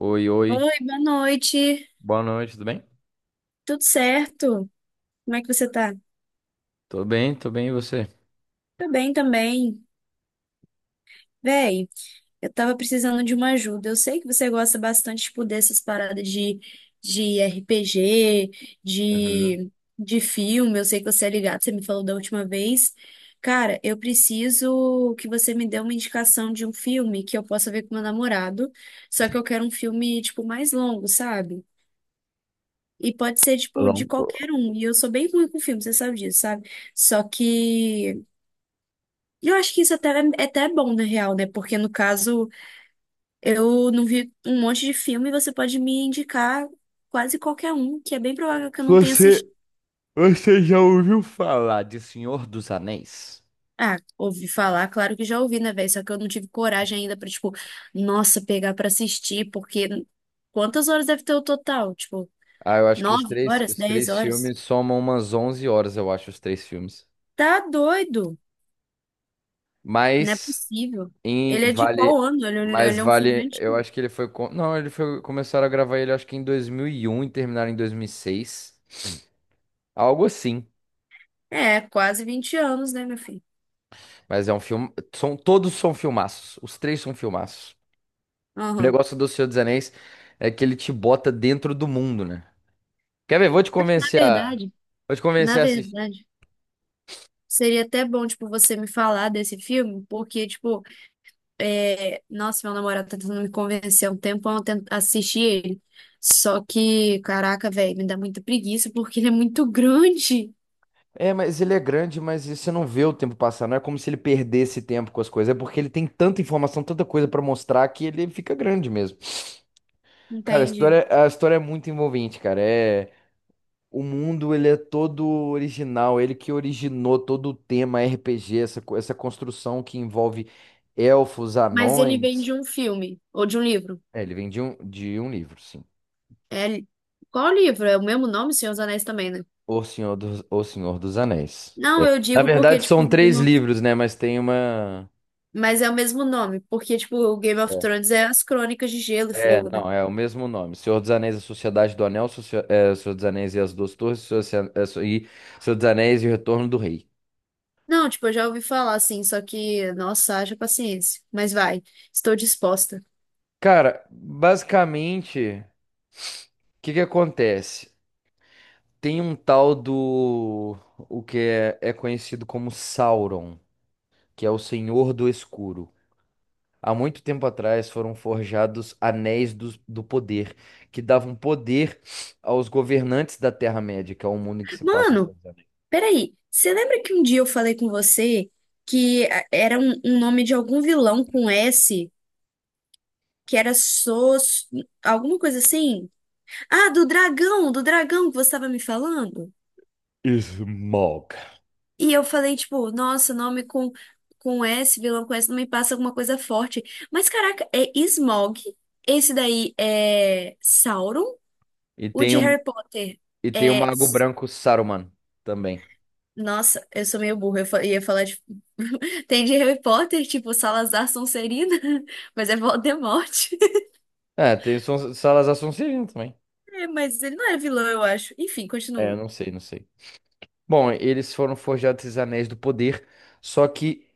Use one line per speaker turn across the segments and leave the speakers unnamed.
Oi, oi.
Oi, boa noite.
Boa noite, tudo bem?
Tudo certo? Como é que você tá?
Tô bem, e você?
Tô bem também. Véi, eu tava precisando de uma ajuda. Eu sei que você gosta bastante tipo, dessas paradas de RPG,
Uhum.
de, de filme. Eu sei que você é ligado, você me falou da última vez. Cara, eu preciso que você me dê uma indicação de um filme que eu possa ver com meu namorado. Só que eu quero um filme, tipo, mais longo, sabe? E pode ser, tipo, de
Longo.
qualquer um. E eu sou bem ruim com filme, você sabe disso, sabe? Só que eu acho que isso até é até bom, na real, né? Porque, no caso, eu não vi um monte de filme e você pode me indicar quase qualquer um, que é bem provável que eu não tenha
Você,
assistido.
você já ouviu falar de Senhor dos Anéis?
Ah, ouvi falar, claro que já ouvi, né, velho? Só que eu não tive coragem ainda pra, tipo, nossa, pegar pra assistir, porque quantas horas deve ter o total? Tipo,
Ah, eu acho que os
nove
três,
horas,
os
dez
três
horas?
filmes somam umas 11 horas, eu acho, os três filmes.
Tá doido! Não é
Mas
possível.
em
Ele é de qual
vale,
ano? Ele,
mas
ele é um filme
vale, eu
antigo.
acho que ele foi, co- não, ele foi, começaram a gravar ele acho que em 2001 e terminaram em 2006. Algo assim.
É, quase 20 anos, né, meu filho?
Mas é um filme, são todos são filmaços, os três são filmaços. O
Aham.
negócio do Senhor dos Anéis é que ele te bota dentro do mundo, né? Quer ver?
Na verdade,
Vou te
na
convencer a assistir.
verdade, seria até bom, tipo, você me falar desse filme, porque, tipo, é... nossa, meu namorado tá tentando me convencer há um tempão a assistir ele. Só que, caraca, velho, me dá muita preguiça porque ele é muito grande.
É, mas ele é grande, mas você não vê o tempo passar. Não é como se ele perdesse tempo com as coisas. É porque ele tem tanta informação, tanta coisa pra mostrar que ele fica grande mesmo. Cara, a
Entende?
história, a história é muito envolvente, cara. É, o mundo, ele é todo original. Ele que originou todo o tema RPG, essa construção que envolve elfos,
Mas ele vem
anões.
de um filme ou de um livro.
É, ele vem de um livro, sim.
É... Qual livro? É o mesmo nome, Senhor dos Anéis também, né?
O Senhor dos Anéis.
Não,
É.
eu
Na
digo porque,
verdade, são
tipo,
três livros, né? Mas tem uma.
mas é o mesmo nome, porque, tipo, o Game of
É.
Thrones é as Crônicas de Gelo e
É,
Fogo, né?
não, é o mesmo nome. Senhor dos Anéis, a Sociedade do Anel, Socia- é, Senhor dos Anéis e as Duas Torres, Senhor dos Anéis e o Retorno do Rei.
Não, tipo, eu já ouvi falar assim, só que, nossa, haja paciência. Mas vai, estou disposta.
Cara, basicamente, o que que acontece? Tem um tal do, o que é, é conhecido como Sauron, que é o Senhor do Escuro. Há muito tempo atrás foram forjados anéis do poder, que davam poder aos governantes da Terra-média, que é o mundo em que se passa os
Mano,
seus anéis.
peraí, você lembra que um dia eu falei com você que era um nome de algum vilão com S, que era Sos, alguma coisa assim? Ah, do dragão que você estava me falando?
Smog.
E eu falei, tipo, nossa, nome com S, vilão com S, não me passa alguma coisa forte. Mas caraca, é Smaug. Esse daí é Sauron.
E
O
tem
de
o,
Harry Potter
e tem o
é.
Mago Branco Saruman também.
Nossa, eu sou meio burra. Eu ia falar de. Tem de Harry Potter, tipo, Salazar Sonserina, mas é Voldemort.
Salazar Sonserino também.
É, mas ele não era vilão, eu acho. Enfim, continua.
Não sei. Bom, eles foram forjados esses anéis do poder, só que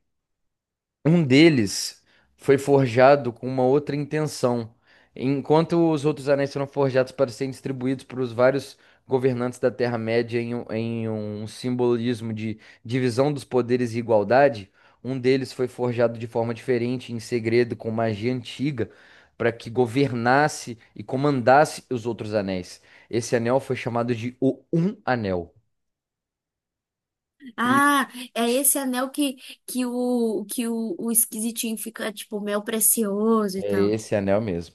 um deles foi forjado com uma outra intenção, enquanto os outros anéis foram forjados para serem distribuídos para os vários governantes da Terra-média um em um simbolismo de divisão dos poderes e igualdade. Um deles foi forjado de forma diferente, em segredo, com magia antiga, para que governasse e comandasse os outros anéis. Esse anel foi chamado de O Um Anel.
Ah, é esse anel que o esquisitinho fica, tipo, mel precioso e
É
tal.
esse anel mesmo.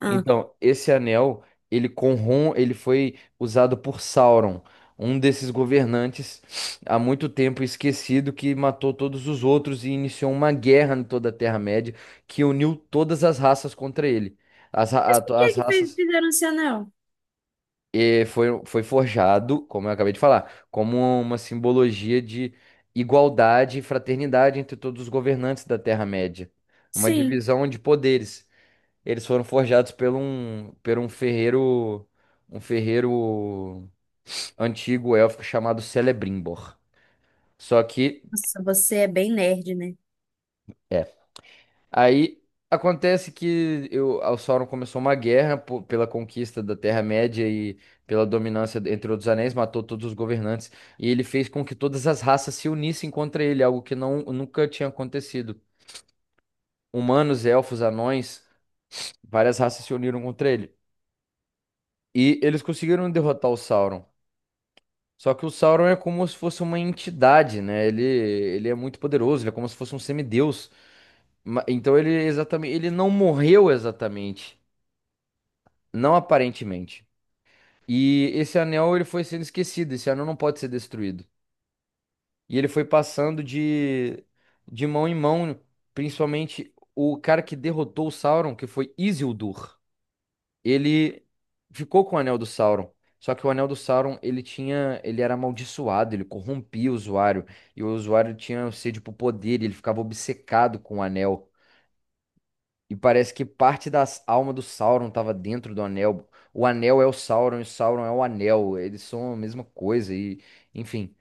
Ah.
Então, esse anel, ele foi usado por Sauron, um desses governantes há muito tempo esquecido que matou todos os outros e iniciou uma guerra em toda a Terra-média que uniu todas as raças contra ele. As, ra-
Mas por
a-
que
as
que
raças
fizeram esse anel?
eh, foi, foi forjado, como eu acabei de falar, como uma simbologia de igualdade e fraternidade entre todos os governantes da Terra-média. Uma
Sim.
divisão de poderes. Eles foram forjados por um ferreiro, um ferreiro antigo élfico chamado Celebrimbor. Só que,
Nossa, você é bem nerd, né?
é. Aí o Sauron começou uma guerra pela conquista da Terra-média e pela dominância entre outros anéis, matou todos os governantes e ele fez com que todas as raças se unissem contra ele, algo que nunca tinha acontecido. Humanos, elfos, anões, várias raças se uniram contra ele. E eles conseguiram derrotar o Sauron. Só que o Sauron é como se fosse uma entidade, né? Ele é muito poderoso, ele é como se fosse um semideus. Então ele não morreu exatamente, não aparentemente. E esse anel ele foi sendo esquecido, esse anel não pode ser destruído. E ele foi passando de mão em mão, principalmente o cara que derrotou o Sauron, que foi Isildur. Ele ficou com o Anel do Sauron. Só que o Anel do Sauron, ele era amaldiçoado, ele corrompia o usuário, e o usuário tinha sede por poder, e ele ficava obcecado com o anel. E parece que parte da alma do Sauron estava dentro do anel. O anel é o Sauron e o Sauron é o anel. Eles são a mesma coisa e, enfim,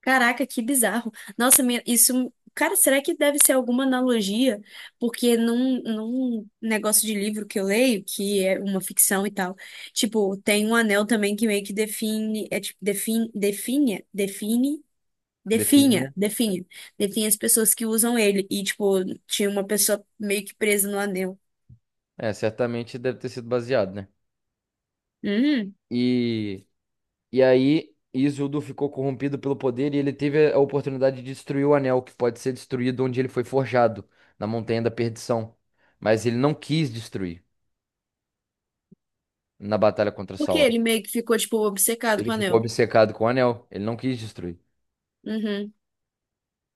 Caraca, que bizarro. Nossa, isso. Cara, será que deve ser alguma analogia? Porque num, num negócio de livro que eu leio, que é uma ficção e tal, tipo, tem um anel também que meio que define, é tipo, define, define, define, definha,
definha.
definha, define as pessoas que usam ele. E, tipo, tinha uma pessoa meio que presa no anel.
É, certamente deve ter sido baseado, né?
Uhum.
E E aí, Isildur ficou corrompido pelo poder e ele teve a oportunidade de destruir o anel, que pode ser destruído onde ele foi forjado, na Montanha da Perdição. Mas ele não quis destruir na batalha contra
Porque
Sauron.
ele meio que ficou, tipo, obcecado
Ele
com o
ficou
anel.
obcecado com o anel, ele não quis destruir.
Uhum.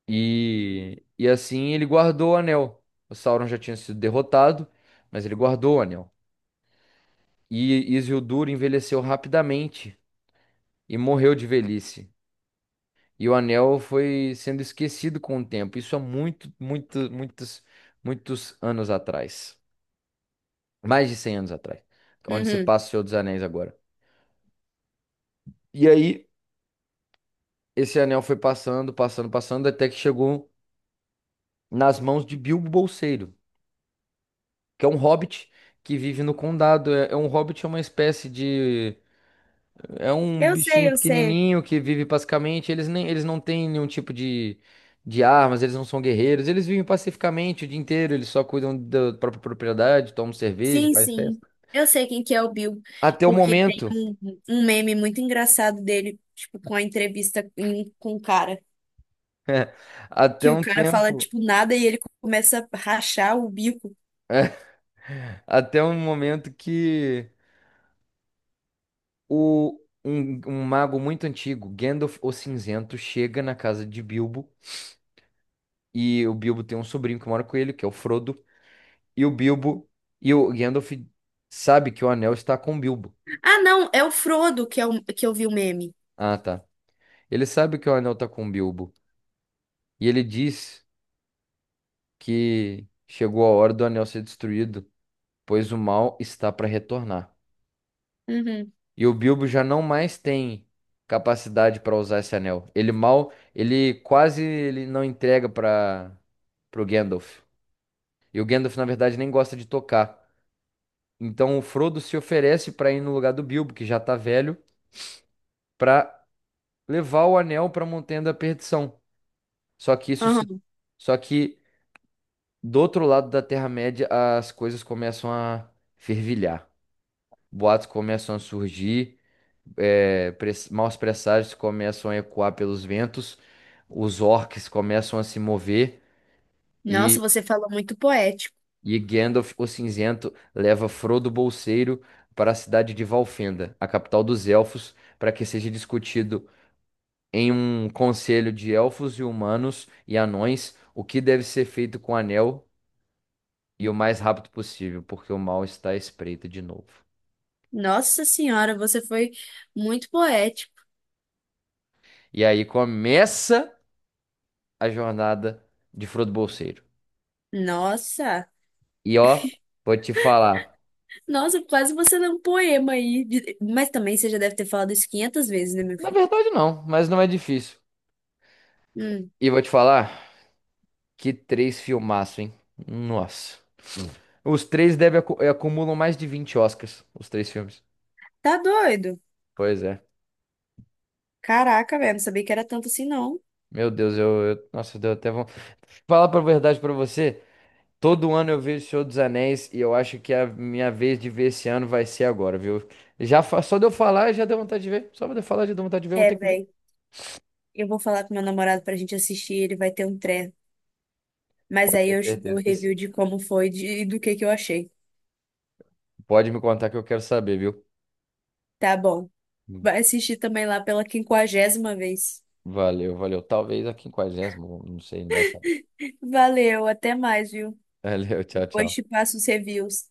E assim ele guardou o anel. O Sauron já tinha sido derrotado, mas ele guardou o anel. E Isildur envelheceu rapidamente e morreu de velhice. E o anel foi sendo esquecido com o tempo. Isso há muitos anos atrás. Mais de 100 anos atrás. Onde se
Uhum.
passa o Senhor dos Anéis agora. E aí, esse anel foi passando, até que chegou nas mãos de Bilbo Bolseiro, que é um hobbit que vive no condado. É um hobbit, é uma espécie de... É um
Eu sei,
bichinho
eu sei.
pequenininho que vive pacificamente. Eles não têm nenhum tipo de armas, eles não são guerreiros. Eles vivem pacificamente o dia inteiro, eles só cuidam da própria propriedade, tomam cerveja,
Sim,
faz
sim.
festa.
Eu sei quem que é o Bill,
Até o
porque tem
momento,
um, um meme muito engraçado dele, tipo, com a entrevista com o cara,
até
que o
um
cara fala,
tempo,
tipo, nada e ele começa a rachar o bico.
até um momento que um mago muito antigo, Gandalf o Cinzento, chega na casa de Bilbo e o Bilbo tem um sobrinho que mora com ele, que é o Frodo, e o Bilbo e o Gandalf sabe que o anel está com o Bilbo.
Ah, não, é o Frodo que, que eu vi o meme.
Ah, tá. Ele sabe que o anel tá com o Bilbo. E ele diz que chegou a hora do anel ser destruído, pois o mal está para retornar.
Uhum.
E o Bilbo já não mais tem capacidade para usar esse anel. Ele mal, ele quase ele não entrega para pro Gandalf. E o Gandalf, na verdade, nem gosta de tocar. Então o Frodo se oferece para ir no lugar do Bilbo, que já tá velho, para levar o anel para a Montanha da Perdição. Só que isso se
Aham.
Só que do outro lado da Terra-média, as coisas começam a fervilhar. Boatos começam a surgir, maus presságios começam a ecoar pelos ventos, os orcs começam a se mover
Nossa,
e,
você falou muito poético.
e Gandalf o Cinzento leva Frodo Bolseiro para a cidade de Valfenda, a capital dos elfos, para que seja discutido em um conselho de elfos e humanos e anões o que deve ser feito com o anel, e o mais rápido possível, porque o mal está à espreita de novo.
Nossa senhora, você foi muito poético.
E aí começa a jornada de Frodo Bolseiro.
Nossa,
E ó, vou te falar.
nossa, quase você lê um poema aí. De- Mas também você já deve ter falado isso 500 vezes, né, meu
Na
filho?
verdade, não, mas não é difícil.
Hum.
E vou te falar que três filmaço, hein? Nossa. Os três acumulam mais de 20 Oscars, os três filmes.
Tá doido?
Pois é.
Caraca, velho, não sabia que era tanto assim, não.
Meu Deus, nossa, deu até vão falar pra verdade pra você. Todo ano eu vejo o Senhor dos Anéis e eu acho que é a minha vez de ver esse ano vai ser agora, viu? Só de eu falar já deu vontade de ver. Só de eu falar já deu vontade de ver, eu vou
É,
ter que ver.
velho. Eu vou falar com meu namorado pra gente assistir, ele vai ter um treco. Mas
Pode
aí
ter
eu te dou o
certeza que sim.
review de como foi e do que eu achei.
Pode me contar que eu quero saber, viu?
Tá bom. Vai assistir também lá pela quinquagésima vez.
Valeu. Talvez a quinquagésima, não sei, não vai saber.
Valeu, até mais, viu?
Valeu, tchau,
Depois te
tchau.
passo os reviews.